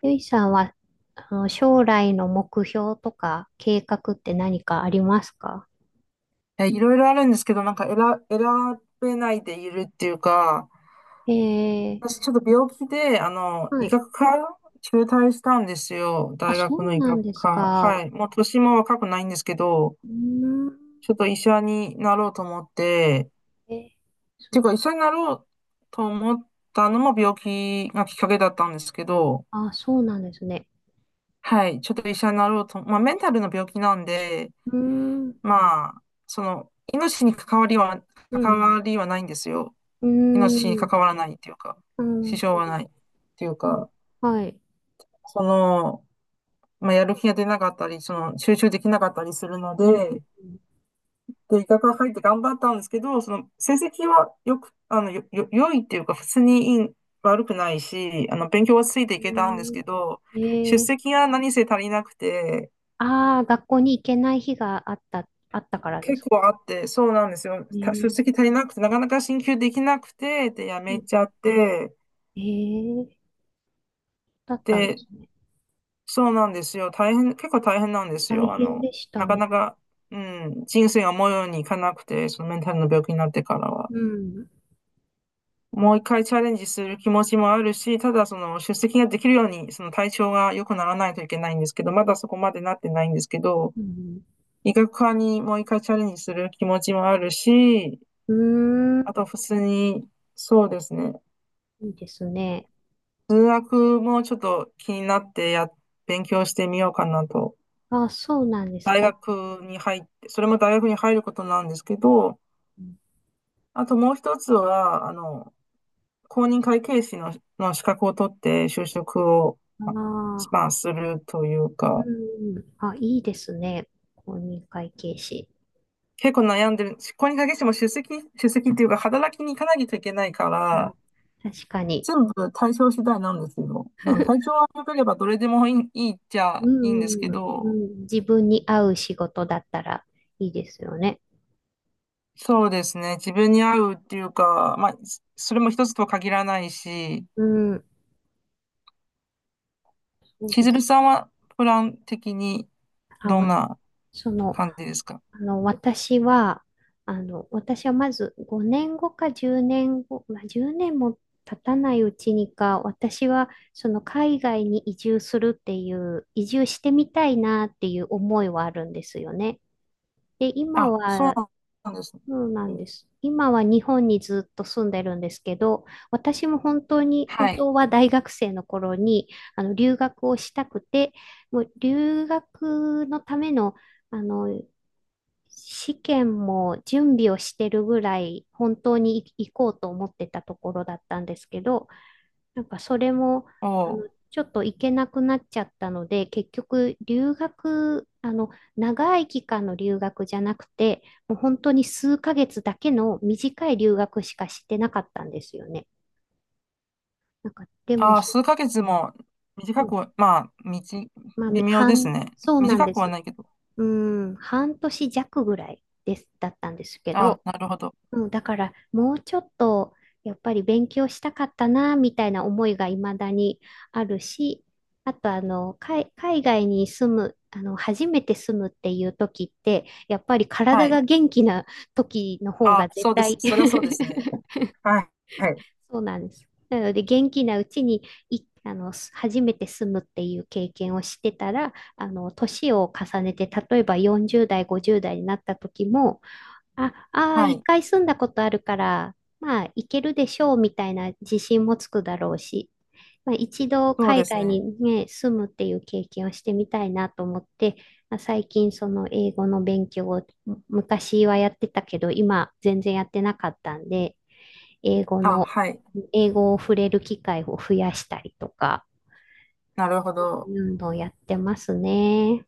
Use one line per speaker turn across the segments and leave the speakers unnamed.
ゆいさんは、将来の目標とか計画って何かありますか？
いろいろあるんですけど、なんか選べないでいるっていうか、
え
私
え、
ちょっと病気で、
は
医
い。
学科中退したんですよ。
あ、
大
そ
学の
う
医
なん
学
です
科。は
か。
い。もう年も若くないんですけど、
うーん。
ちょっと医者になろうと思って、
え、
っ
そ、
ていうか医者になろうと思ったのも病気がきっかけだったんですけど、
あ、そうなんですね。
はい。ちょっと医者になろうと、まあメンタルの病気なんで、
うーん。
まあ、命に関わりは、
う
関
ん。
わりはないんですよ。
うー
命に
ん。
関わらないっていうか、
な
支
る
障
ほ
はな
ど。
いっていう
うん、
か、
はい。
その、まあ、やる気が出なかったり、集中できなかったりするの
うん。
で、で、医学が入って頑張ったんですけど、成績はよく、あの、よ、よ、良いっていうか、普通にいい、悪くないし、勉強はついていけたんです
う
けど、出
ん、ええ、
席が何せ足りなくて、
ああ、学校に行けない日があったからです
結
か？
構あって、そうなんですよ。出
ね。
席足りなくて、なかなか進級できなくて、で、やめち
え。
ゃって、
ええー、だったんで
で、
すね。
そうなんですよ。大変、結構大変なんです
大
よ。
変でした
なか
ね。
なか、うん、人生が思うようにいかなくて、そのメンタルの病気になってからは。
うん。
もう一回チャレンジする気持ちもあるし、ただその出席ができるように、その体調が良くならないといけないんですけど、まだそこまでなってないんですけど、
うん。
医学科にもう一回チャレンジする気持ちもあるし、
うーん。
あと普通に、そうですね、
いいですね。
数学もちょっと気になって勉強してみようかなと
あ、そうなんです。
大
え、
学に入って、それも大学に入ることなんですけど、あともう一つは、公認会計士の、資格を取って就職を、
あ
ま
あ、
まあ、するという
う
か、
ん。あ、いいですね。公認会計士。
結構悩んでる。公認会計士も出席、出席っていうか、働きに行かないといけないか
うん。
ら、
確かに。
全部対象次第なんですよ。体 調が良ければどれでもいい、いいっちゃ
う
いいんですけ
ん、うんう
ど、
ん。自分に合う仕事だったらいいですよね。
そうですね。自分に合うっていうか、まあ、それも一つとは限らないし、
うん。そう
千
で
鶴
す。
さんはプラン的に
あ、
どん
わ
な
その、
感じですか？
あの、私は、私はまず5年後か10年後、まあ、10年も経たないうちにか、私はその海外に移住するっていう、移住してみたいなっていう思いはあるんですよね。で、今
あ、そう
は、
なんですね。
そうなん
お
です。今は日本にずっと住んでるんですけど、私も本当に、本
は
当は
い。
大学生の頃に、留学をしたくて、もう留学のための、あの、試験も準備をしてるぐらい本当に行こうと思ってたところだったんですけど、なんかそれも
お
ちょっと行けなくなっちゃったので、結局留学、長い期間の留学じゃなくて、もう本当に数ヶ月だけの短い留学しかしてなかったんですよね。なんかでも、
あ、数ヶ月も
う
短く
ん、
は、まあ、
まあ、
微妙ですね。
そうなん
短
で
くは
す。
ないけど。
うん、半年弱ぐらいだったんですけ
あ、
ど、
なるほど。
うん、だからもうちょっとやっぱり勉強したかったなみたいな思いが未だにあるし、あと、海外に住む、初めて住むっていう時ってやっぱり
は
体が
い。
元気な時の方
あ、
が絶
そうです。
対。
それはそうですね。はい。はい。
そうなんです。なので元気なうちにいあのす初めて住むっていう経験をしてたら、あの年を重ねて例えば40代50代になった時も、あ、ああ、
は
一
い。
回住んだことあるから、まあ、行けるでしょうみたいな自信もつくだろうし、まあ、一度
そう
海
です
外に
ね。
ね、住むっていう経験をしてみたいなと思って、まあ、最近その英語の勉強を、昔はやってたけど、今全然やってなかったんで、英語
あ、
の、
はい。
英語を触れる機会を増やしたりとか、
なるほ
そう
ど。
いうのをやってますね。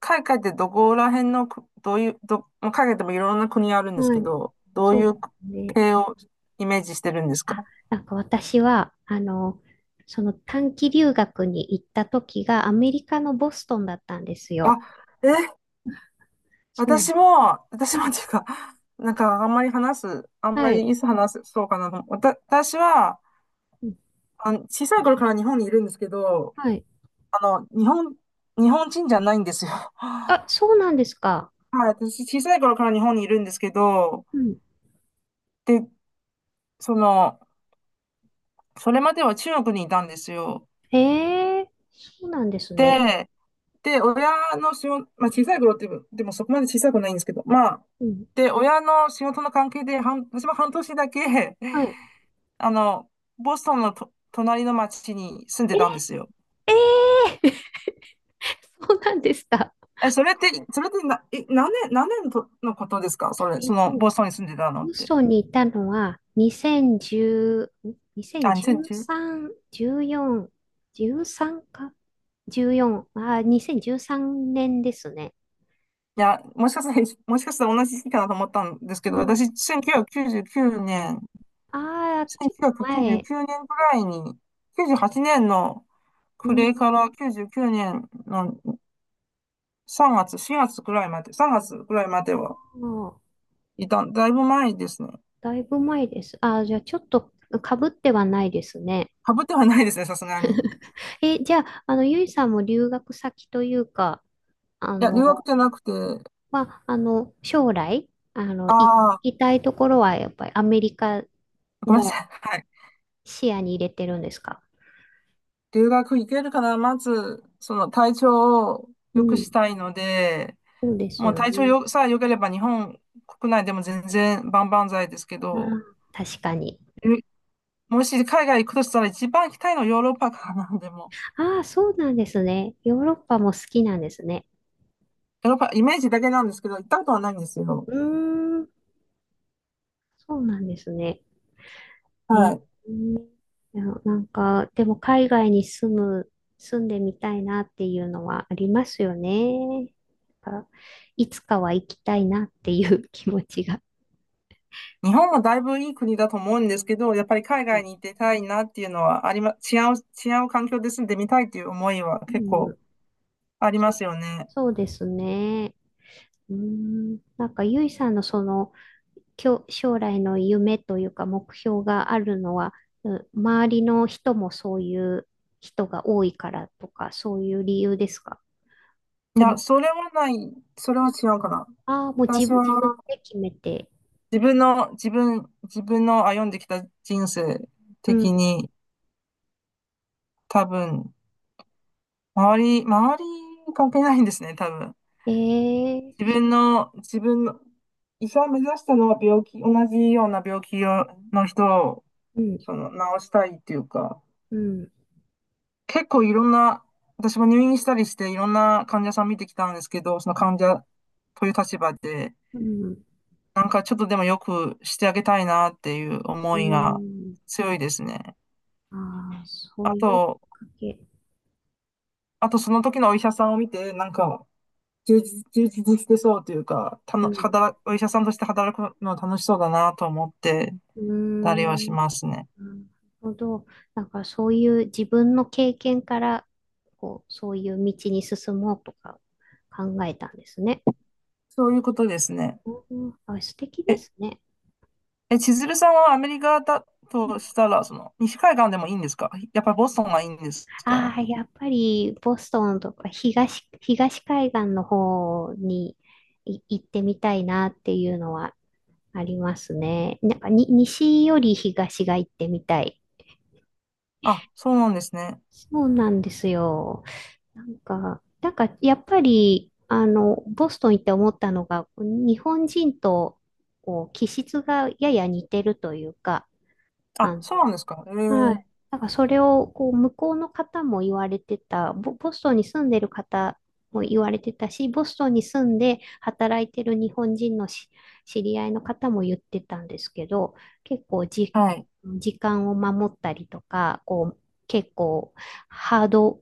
海外ってどこら辺のどういう、まあ海外でもいろんな国あるんです
は
け
い、
ど、どう
そ
いう
うね。
系をイメージしてるんですか？
あ、なんか私は、その短期留学に行った時がアメリカのボストンだったんです
あ、
よ。
え、
そう。
私も、私
は
もっ
い。
ていうか、なんかあんまり話す、あんま
はい。
りいつ話す、そうかなと思う。私は、
うん、
小さい頃から日本にいるんですけど、
はい。
あの、日本、日本人じゃないんですよ。
あ、
は
そうなんですか。
い、私小さい頃から日本にいるんですけど、
うん。
で、その、それまでは中国にいたんですよ。
ええ、そうなんですね。
で、で、親の仕事、まあ、小さい頃ってでもそこまで小さくないんですけど、まあ、
うん。
で、親の仕事の関係で、私も半年だけ、
はい。
あの、ボストンのと隣の町に住んでたんですよ。
え、え、え。 そうなんですか。
それって、何年のとのことですか？
えっと、
ボストンに住んでたのっ
ボス
て。
トンにいたのは2010、
あ、2 0 1、い
2013、14、13か ?14、あ、2013年ですね。
や、もしかしたら同じ時期かなと思ったんですけ
う
ど、私、
ん。
年
ああ、ちょっと前。
1999年ぐらいに、98年の
う
暮れ
ん。
から99年の3月、4月ぐらいまで、3月ぐらいまでは
もう、
いた、だいぶ前ですね。
だいぶ前です。ああ、じゃあちょっとかぶってはないですね。
かぶってはないですね、さすがに。い
え、じゃあ、ゆいさんも留学先というか、あ
や、留学
の、
じゃなくて、
将来、
ああ、
行きたいところはやっぱりアメリカ
ごめんな
も
さい。はい。
視野に入れてるんですか？
留学行けるかな、まず、その体調を
う
良く
ん。
したいので、
そうです
もう
よ
体調
ね。
よさえ良ければ日本国内でも全然万々歳ですけ
ああ、
ど、
確かに。
えもし海外行くとしたら一番行きたいのはヨーロッパからな、でも。
ああ、そうなんですね。ヨーロッパも好きなんですね。
ヨーロッパ、イメージだけなんですけど、行ったことはないんですよ。
うーん、そうなんですね。
は
い
い。
や、なんか、でも海外に住む、住んでみたいなっていうのはありますよね。なんかいつかは行きたいなっていう気持ちが。
日本もだいぶいい国だと思うんですけど、やっぱり海
うん、
外に行ってたいなっていうのはありま、違う、違う環境で住んでみたいっていう思いは
う
結構
ん、
ありま
そ
すよね。
そうですね。うん、なんか、ゆいさんのその、将来の夢というか目標があるのは、うん、周りの人もそういう人が多いからとか、そういう理由ですか？
い
と
や、
も、
それはない、それは違うかな。
ああ、もう自
私
分、
は
自分で決めて。
自分の歩んできた人生
う
的
ん。
に多分、周り関係ないんですね、多分。
ええ、
自
そ
分
う、
の、自分の、医者を目指したのは病気、同じような病気をの人を、
うん、
治したいっていうか、
うん、
結構いろんな、私も入院したりしていろんな患者さん見てきたんですけど、その患者という立場で、
うん、
なんかちょっとでもよくしてあげたいなっていう
う
思いが
ん。
強いですね。
ああ、そう
あ
いうきっ
と、
かけ。
あとその時のお医者さんを見て、なんか充実してそうというか、た
う
の、
ん、
働、お医者さんとして働くの楽しそうだなと思って、
うー
たりはし
ん、な
ますね。
るほど。なんかそういう自分の経験から、こう、そういう道に進もうとか考えたんですね。
そういうことですね。
うん、あ、素敵で
え、
すね。
千鶴さんはアメリカだとしたら、その、西海岸でもいいんですか？やっぱりボストンがいいんです
あ
か？
あ、やっぱりボストンとか東海岸の方に行ってみたいなっていうのはありますね。なんか、西より東が行ってみたい。
あ、そうなんですね。
そうなんですよ。なんかやっぱり、ボストン行って思ったのが、日本人とこう気質がやや似てるというか、あ
あ、
の、
そうなんですか。え
は
ー、
い。なんかそれをこう向こうの方も言われてた、ボストンに住んでる方も言われてたし、ボストンに住んで働いてる日本人の知り合いの方も言ってたんですけど、結構、
はい。
時間を守ったりとか、こう結構ハード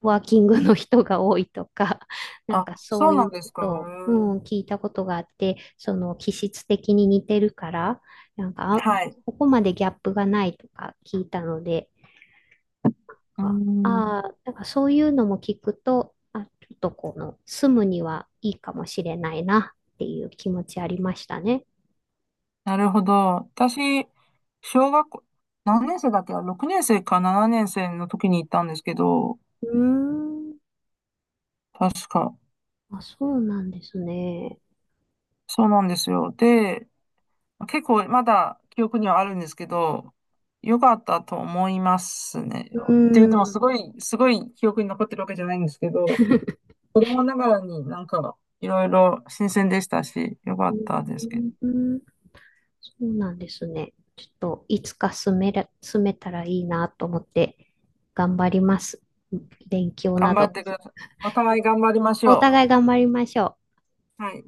ワーキングの人が多いとか、なん
あ、
かそ
そ
う
う
い
な
う
んで
こ
すか。
とを、うん、聞いたことがあって、その気質的に似てるから、なん
え
か
ー
あ、
はい。
ここまでギャップがないとか聞いたので、
うー
あ
ん、
あー、だからそういうのも聞くと、あ、ちょっとこの住むにはいいかもしれないなっていう気持ちありましたね。
なるほど。私、小学校、何年生だっけ ?6 年生か7年生の時に行ったんですけど、
うーん、
確か。
あ、そうなんですね。
そうなんですよ。で、結構まだ記憶にはあるんですけど、良かったと思いますね。って
うー
言っ
ん、
ても
う
すごい、すごい記憶に残ってるわけじゃないんですけど、子供ながらになんかいろいろ新鮮でしたし、良かったですけど。
ーん、そうなんですね。ちょっといつか住めたらいいなと思って頑張ります。勉強
頑
な
張っ
ど。
てください。お互い頑張りまし
お
ょ
互い頑張りましょう。
う。はい。